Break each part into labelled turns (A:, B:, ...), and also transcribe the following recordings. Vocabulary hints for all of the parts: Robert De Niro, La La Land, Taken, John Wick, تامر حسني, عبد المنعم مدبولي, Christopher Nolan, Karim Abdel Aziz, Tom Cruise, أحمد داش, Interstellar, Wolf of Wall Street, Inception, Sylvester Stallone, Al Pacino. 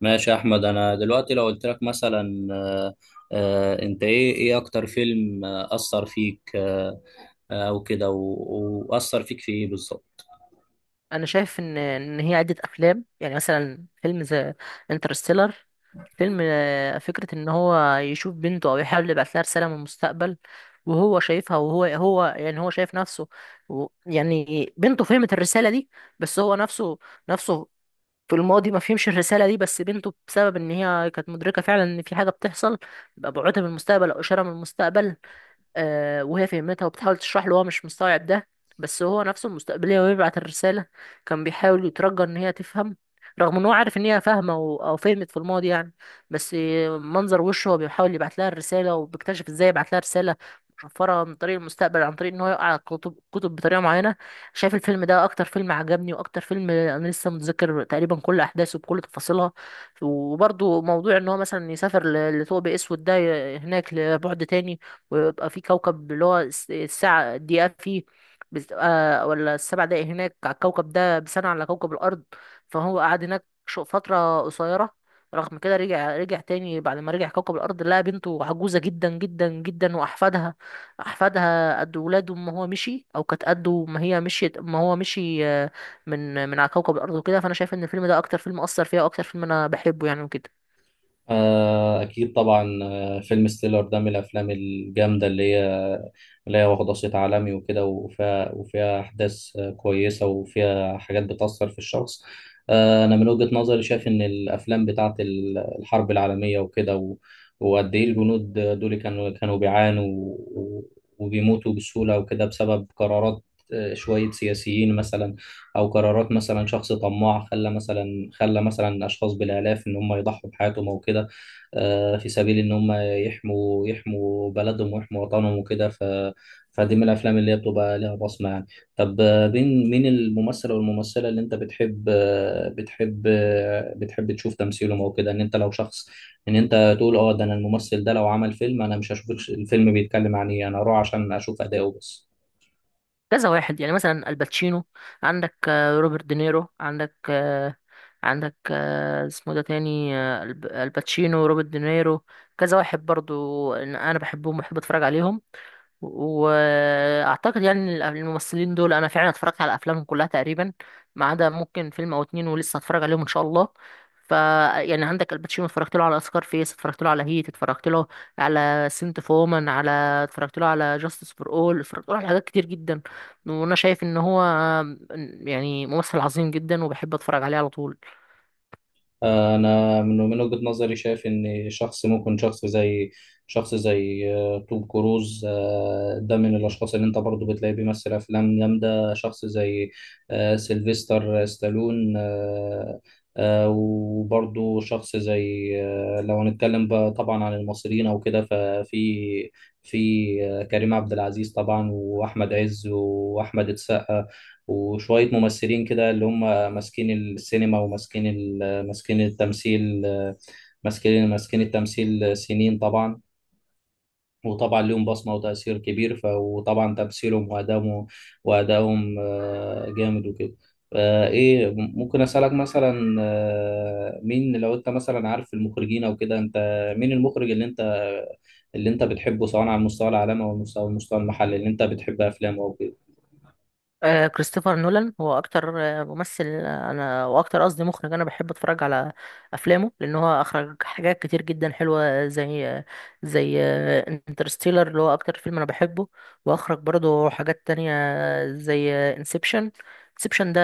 A: ماشي يا احمد. انا دلوقتي لو قلت لك مثلا انت ايه اكتر فيلم اثر فيك؟ او كده واثر فيك في ايه بالظبط؟
B: انا شايف ان هي عده افلام، يعني مثلا فيلم زي انترستيلر. فيلم فكره ان هو يشوف بنته او يحاول يبعت لها رساله من المستقبل، وهو شايفها، وهو يعني هو شايف نفسه و يعني بنته فهمت الرساله دي، بس هو نفسه في الماضي ما فهمش الرساله دي، بس بنته بسبب ان هي كانت مدركه فعلا ان في حاجه بتحصل، بقى بعوتها من المستقبل او اشاره من المستقبل. وهي فهمتها وبتحاول تشرح له، هو مش مستوعب ده، بس هو نفسه المستقبلية ويبعت الرسالة، كان بيحاول يترجى إن هي تفهم، رغم إن هو عارف إن هي فاهمة أو فهمت في الماضي يعني. بس منظر وشه هو بيحاول يبعت لها الرسالة، وبيكتشف إزاي يبعت لها رسالة مشفرة من طريق المستقبل، عن طريق إن هو يقع على الكتب، كتب بطريقة معينة. شايف الفيلم ده أكتر فيلم عجبني، وأكتر فيلم أنا لسه متذكر تقريبا كل أحداثه بكل تفاصيلها. وبرضه موضوع إن هو مثلا يسافر لثقب أسود ده هناك لبعد تاني، ويبقى في كوكب اللي هو الساعة الدقيقة فيه بتبقى ولا السبع دقايق هناك على الكوكب ده بسنة على كوكب الأرض. فهو قعد هناك فترة قصيرة. رغم كده، رجع تاني، بعد ما رجع كوكب الأرض، لقى بنته عجوزة جدا جدا جدا، وأحفادها قد ولاده ما هو مشي، أو كانت قده ما هي مشيت ما هو مشي من على كوكب الأرض وكده. فأنا شايف إن الفيلم ده أكتر فيلم أثر فيها، وأكتر فيلم أنا بحبه يعني وكده.
A: أكيد طبعا. فيلم ستيلر ده من الأفلام الجامدة اللي هي واخدة صيت عالمي وكده، وفيها أحداث كويسة، وفيها حاجات بتأثر في الشخص. أنا من وجهة نظري شايف إن الأفلام بتاعت الحرب العالمية وكده وقد إيه الجنود دول كانوا بيعانوا وبيموتوا بسهولة وكده بسبب قرارات شوية سياسيين مثلا، او قرارات مثلا شخص طماع خلى مثلا خلى مثلا اشخاص بالالاف ان هم يضحوا بحياتهم او كده، في سبيل ان هم يحموا بلدهم ويحموا وطنهم وكده. فدي من الافلام اللي هي بتبقى ليها بصمه يعني. طب مين الممثل او الممثله اللي انت بتحب بتحب تشوف تمثيلهم او كده؟ ان انت لو شخص، ان انت تقول اه ده انا الممثل ده لو عمل فيلم انا مش هشوف الفيلم بيتكلم عن ايه، انا اروح عشان اشوف اداؤه بس.
B: كذا واحد يعني، مثلا الباتشينو، عندك روبرت دينيرو، عندك عندك اسمه ده تاني، الباتشينو، روبرت دينيرو. كذا واحد برضو إن انا بحبهم وبحب اتفرج عليهم، واعتقد يعني إن الممثلين دول انا فعلا اتفرجت على افلامهم كلها تقريبا، ما عدا ممكن فيلم او اتنين، ولسه هتفرج عليهم ان شاء الله. ف يعني عندك الباتشينو، اتفرجت له على اسكار فيس، اتفرجت له على هيت، اتفرجت له على سنت فومن، على اتفرجت له على جاستس فور اول، اتفرجت له على حاجات كتير جدا، وانا شايف ان هو يعني ممثل عظيم جدا، وبحب اتفرج عليه على طول.
A: انا من وجهة نظري شايف ان شخص ممكن، شخص زي توم كروز، ده من الاشخاص اللي انت برضو بتلاقيه بيمثل افلام جامده. شخص زي سيلفستر ستالون، وبرضو شخص زي لو هنتكلم بقى طبعا عن المصريين او كده، ففي في آه، كريم عبد العزيز طبعا، واحمد عز، واحمد السقا، وشوية ممثلين كده اللي هم ماسكين السينما، ماسكين التمثيل. ماسكين التمثيل سنين طبعا، وطبعا ليهم بصمة وتأثير كبير. وطبعا تمثيلهم وأدائهم جامد وكده. إيه، ممكن أسألك مثلا مين، لو أنت مثلا عارف المخرجين أو كده، أنت مين المخرج اللي أنت بتحبه، سواء على المستوى العالمي أو المستوى المحلي، اللي أنت بتحب أفلامه أو كده؟
B: كريستوفر نولان هو اكتر ممثل، انا واكتر قصدي مخرج، انا بحب اتفرج على افلامه، لان هو اخرج حاجات كتير جدا حلوه، زي زي انترستيلر اللي هو اكتر فيلم انا بحبه، واخرج برضه حاجات تانية زي انسبشن. انسبشن ده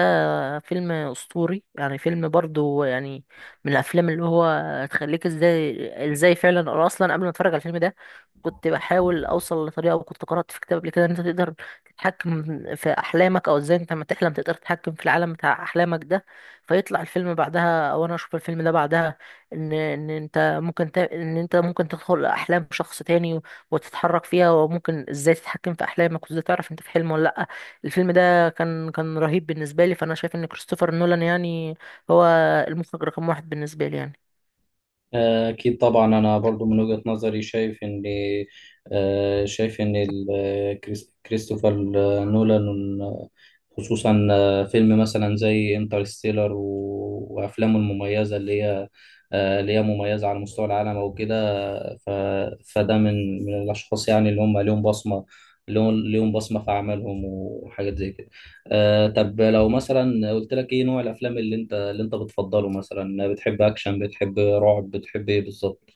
B: فيلم اسطوري يعني، فيلم برضه يعني من الافلام اللي هو تخليك ازاي فعلا. انا اصلا قبل ما اتفرج على الفيلم ده كنت بحاول اوصل لطريقه، وكنت قرات في كتاب قبل كده ان انت تقدر تتحكم في احلامك، او ازاي انت لما تحلم تقدر تتحكم في العالم بتاع احلامك ده. فيطلع الفيلم بعدها، او انا اشوف الفيلم ده بعدها، ان انت ممكن ان انت ممكن تدخل احلام شخص تاني وتتحرك فيها، وممكن ازاي تتحكم في احلامك، وازاي تعرف انت في حلم ولا لا. الفيلم ده كان رهيب بالنسبه لي، فانا شايف ان كريستوفر نولان يعني هو المخرج رقم واحد بالنسبه لي يعني.
A: أكيد طبعا. أنا برضو من وجهة نظري شايف إن شايف إن كريستوفر نولان، خصوصا فيلم مثلا زي انترستيلر وأفلامه المميزة، اللي هي مميزة على مستوى العالم أو كده. ف... فده من الأشخاص يعني اللي هم ليهم بصمة، ليهم بصمة في أعمالهم وحاجات زي كده. آه، طب لو مثلا قلت لك إيه نوع الأفلام اللي أنت بتفضله؟ مثلا بتحب أكشن، بتحب رعب، بتحب إيه بالظبط؟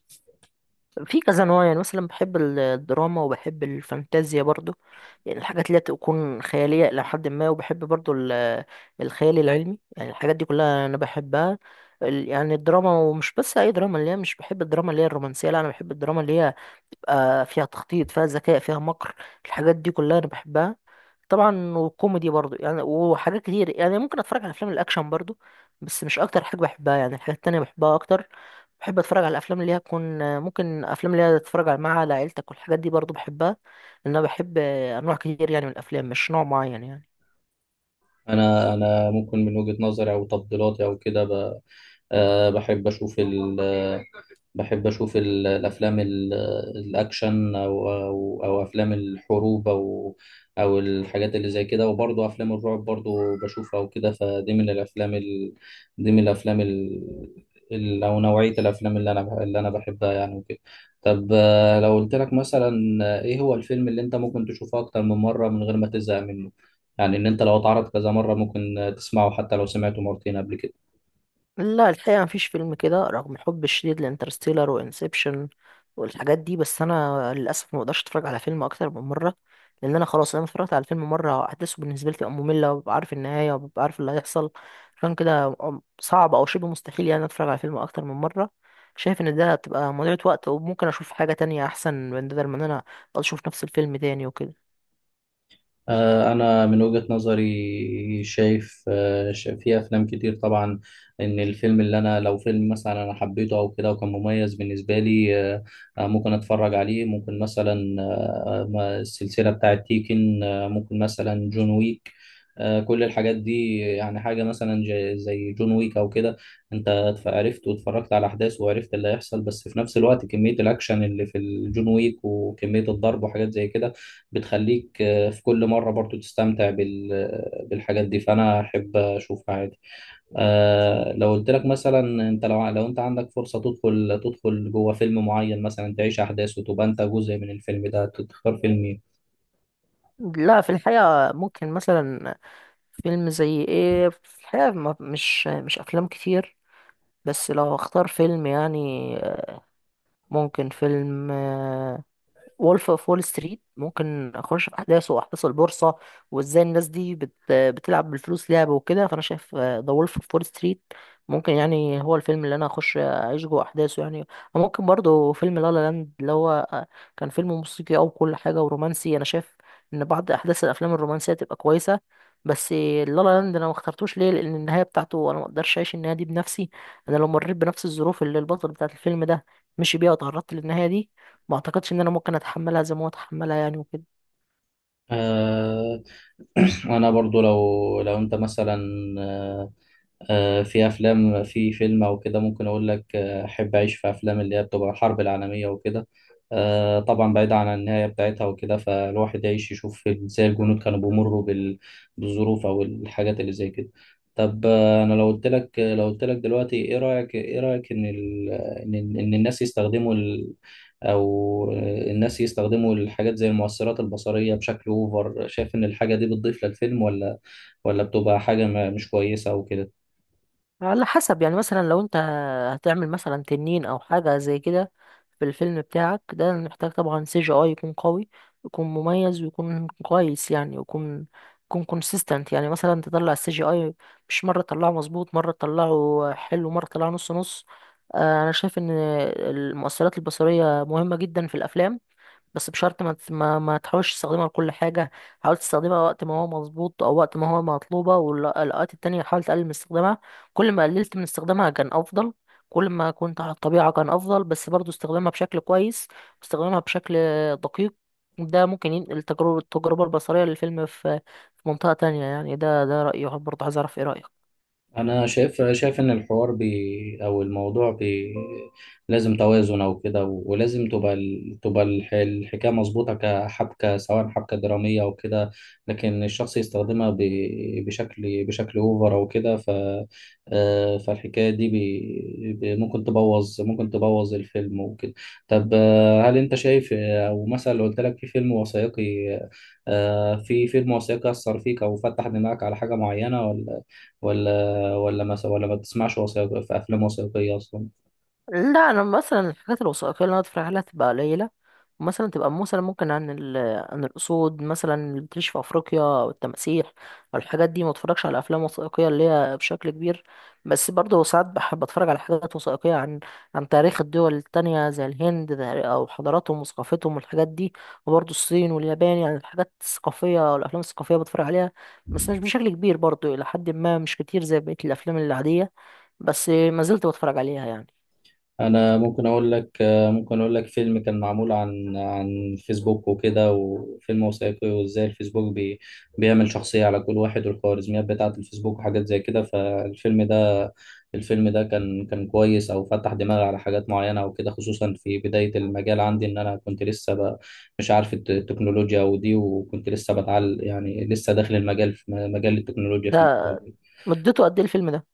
B: في كذا نوع يعني، مثلا بحب الدراما، وبحب الفانتازيا برضو، يعني الحاجات اللي هي تكون خيالية إلى حد ما. وبحب برضو الخيال العلمي، يعني الحاجات دي كلها أنا بحبها. يعني الدراما، ومش بس أي دراما، اللي هي مش بحب الدراما اللي هي الرومانسية، لا أنا بحب الدراما اللي هي بتبقى فيها تخطيط، فيها ذكاء، فيها مكر، الحاجات دي كلها أنا بحبها. طبعا وكوميدي برضو يعني، وحاجات كتير يعني. ممكن أتفرج على أفلام الأكشن برضو، بس مش أكتر حاجة بحبها يعني، الحاجات التانية بحبها أكتر. بحب اتفرج على الافلام اللي هي تكون ممكن افلام اللي هي تتفرج مع عيلتك، والحاجات دي برضو بحبها، لان انا بحب انواع كتير يعني من الافلام، مش نوع معين يعني.
A: أنا ممكن من وجهة نظري أو تفضيلاتي أو كده ب... آه بحب أشوف الأكشن، بحب أشوف الأفلام الأكشن أو أفلام الحروب، أو أو الحاجات اللي زي كده، وبرضه أفلام الرعب برضه بشوفها وكده. فدي من الأفلام ال... دي من الأفلام ال... ال... أو نوعية الأفلام اللي اللي أنا بحبها يعني وكده. طب لو قلت لك مثلا إيه هو الفيلم اللي أنت ممكن تشوفه أكتر من مرة من غير ما تزهق منه؟ يعني إن أنت لو اتعرض كذا مرة ممكن تسمعه حتى لو سمعته مرتين قبل كده.
B: لا الحقيقة مفيش فيلم كده، رغم حبي الشديد لانترستيلر وانسبشن والحاجات دي، بس انا للاسف ما بقدرش اتفرج على فيلم اكتر من مرة. لان انا خلاص، انا اتفرجت على الفيلم مرة، احداثه بالنسبة لي بتبقى مملة، وببقى عارف النهاية، وببقى عارف اللي هيحصل. عشان كده صعب او شبه مستحيل يعني اتفرج على فيلم اكتر من مرة. شايف ان ده بتبقى مضيعة وقت، وممكن اشوف حاجة تانية احسن من ده، من إن انا أقعد اشوف نفس الفيلم تاني وكده.
A: أنا من وجهة نظري شايف في أفلام كتير طبعا إن الفيلم اللي أنا، لو فيلم مثلا أنا حبيته أو كده وكان مميز بالنسبة لي، ممكن أتفرج عليه. ممكن مثلا السلسلة بتاعة تيكن، ممكن مثلا جون ويك، كل الحاجات دي. يعني حاجة مثلا زي جون ويك أو كده، أنت عرفت واتفرجت على أحداث وعرفت اللي هيحصل، بس في نفس الوقت كمية الأكشن اللي في الجون ويك وكمية الضرب وحاجات زي كده بتخليك في كل مرة برضو تستمتع بالحاجات دي، فأنا أحب أشوفها عادي. آه، لو قلت لك مثلا، أنت لو أنت عندك فرصة تدخل جوه فيلم معين، مثلا تعيش أحداث وتبقى أنت جزء من الفيلم ده، تختار فيلم إيه؟
B: لا في الحقيقة، ممكن مثلا فيلم زي ايه في الحقيقة، مش افلام كتير، بس لو اختار فيلم يعني، ممكن فيلم وولف اوف وول ستريت. ممكن اخش في احداثه واحداث البورصه، وازاي الناس دي بتلعب بالفلوس لعبه وكده. فانا شايف ذا وولف اوف وول ستريت ممكن يعني هو الفيلم اللي انا اخش اعيش جوه احداثه يعني. وممكن برضه فيلم لا لا لاند، اللي هو كان فيلم موسيقي او كل حاجه ورومانسي. انا شايف ان بعض احداث الافلام الرومانسيه تبقى كويسه، بس لا لا لاند انا ما اخترتوش، ليه؟ لان النهايه بتاعته انا ما اقدرش اعيش النهايه دي بنفسي. انا لو مريت بنفس الظروف اللي البطل بتاعت الفيلم ده مشي بيها وتعرضت للنهايه دي، ما اعتقدش ان انا ممكن اتحملها زي ما هو اتحملها يعني وكده.
A: آه. أنا برضو لو أنت مثلا آه، في افلام، في فيلم او كده ممكن اقول لك احب اعيش في افلام اللي هي بتبقى الحرب العالميه وكده. طبعا بعيد عن النهايه بتاعتها وكده، فالواحد يعيش يشوف ازاي الجنود كانوا بيمروا بالظروف او الحاجات اللي زي كده. طب انا لو قلت لك دلوقتي ايه رايك ان ان الناس يستخدموا ال... او آه، الناس يستخدموا الحاجات زي المؤثرات البصريه بشكل اوفر، شايف ان الحاجه دي بتضيف للفيلم، ولا بتبقى حاجه مش كويسه او كده؟
B: على حسب يعني، مثلا لو انت هتعمل مثلا تنين او حاجه زي كده في الفيلم بتاعك ده، محتاج طبعا سي جي اي يكون قوي، يكون مميز ويكون كويس، يعني يكون كونسيستنت. يعني مثلا تطلع السي جي اي مش مره تطلعه مظبوط، مره تطلعه حلو، مره تطلعه نص نص. انا شايف ان المؤثرات البصريه مهمه جدا في الافلام، بس بشرط ما ما تحاولش تستخدمها لكل حاجة. حاول تستخدمها وقت ما هو مظبوط، أو وقت ما هو مطلوبة، والأوقات التانية حاول تقلل من استخدامها. كل ما قللت من استخدامها كان أفضل، كل ما كنت على الطبيعة كان أفضل. بس برضو استخدامها بشكل كويس، استخدامها بشكل دقيق، ده ممكن ينقل التجربة البصرية للفيلم في منطقة تانية يعني. ده رأيي برضه، عايز أعرف إيه رأيك؟
A: انا شايف ان الحوار بي او الموضوع بي لازم توازن او كده، ولازم تبقى الحكايه مظبوطه كحبكه سواء حبكه دراميه او كده، لكن الشخص يستخدمها بشكل بشكل اوفر او كده. ف آه، فالحكايه دي ممكن تبوظ، ممكن تبوظ الفيلم وكده. طب هل انت شايف او مثلا لو قلت لك في فيلم وثائقي في فيلم وثائقي اثر فيك او فتح دماغك على حاجه معينه، ولا ولا مثلا ولا ما بتسمعش وثائقي، في افلام وثائقيه اصلا؟
B: لا انا مثلا الحاجات الوثائقيه اللي انا اتفرج عليها تبقى قليله، مثلا تبقى مثلا ممكن عن عن الاسود مثلا اللي بتعيش في افريقيا، او التماسيح او الحاجات دي. ما اتفرجش على افلام وثائقيه اللي هي بشكل كبير، بس برضه ساعات بحب اتفرج على حاجات وثائقيه عن تاريخ الدول التانية زي الهند او حضاراتهم وثقافتهم والحاجات دي. وبرضه الصين واليابان، يعني الحاجات الثقافيه والافلام الثقافيه بتفرج عليها بس مش بشكل كبير برضه، الى حد ما مش كتير زي بقيه الافلام العاديه، بس ما زلت بتفرج عليها يعني.
A: انا ممكن اقول لك ممكن اقول لك فيلم كان معمول عن عن فيسبوك وكده، وفيلم وثائقي وازاي الفيسبوك بيعمل شخصيه على كل واحد، والخوارزميات بتاعه الفيسبوك وحاجات زي كده. فالفيلم ده كان كويس او فتح دماغي على حاجات معينه او كده، خصوصا في بدايه المجال عندي، ان انا كنت لسه مش عارف التكنولوجيا ودي، وكنت لسه بتعلم يعني، لسه داخل المجال في مجال التكنولوجيا في
B: ده
A: البداية.
B: مدته قد ايه الفيلم ده؟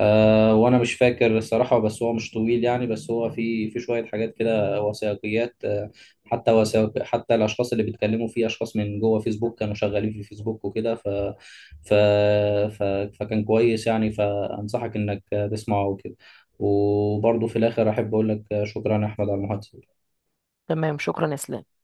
A: آه، وانا مش فاكر الصراحه، بس هو مش طويل يعني، بس هو في في شويه حاجات كده وثائقيات آه، حتى حتى الاشخاص اللي بيتكلموا فيه اشخاص من جوه فيسبوك كانوا شغالين في فيسبوك وكده. ف, ف ف فكان كويس يعني، فانصحك انك تسمعه وكده. وبرضه في الاخر احب اقول لك شكرا يا احمد على المحادثه.
B: تمام، شكرا يا اسلام.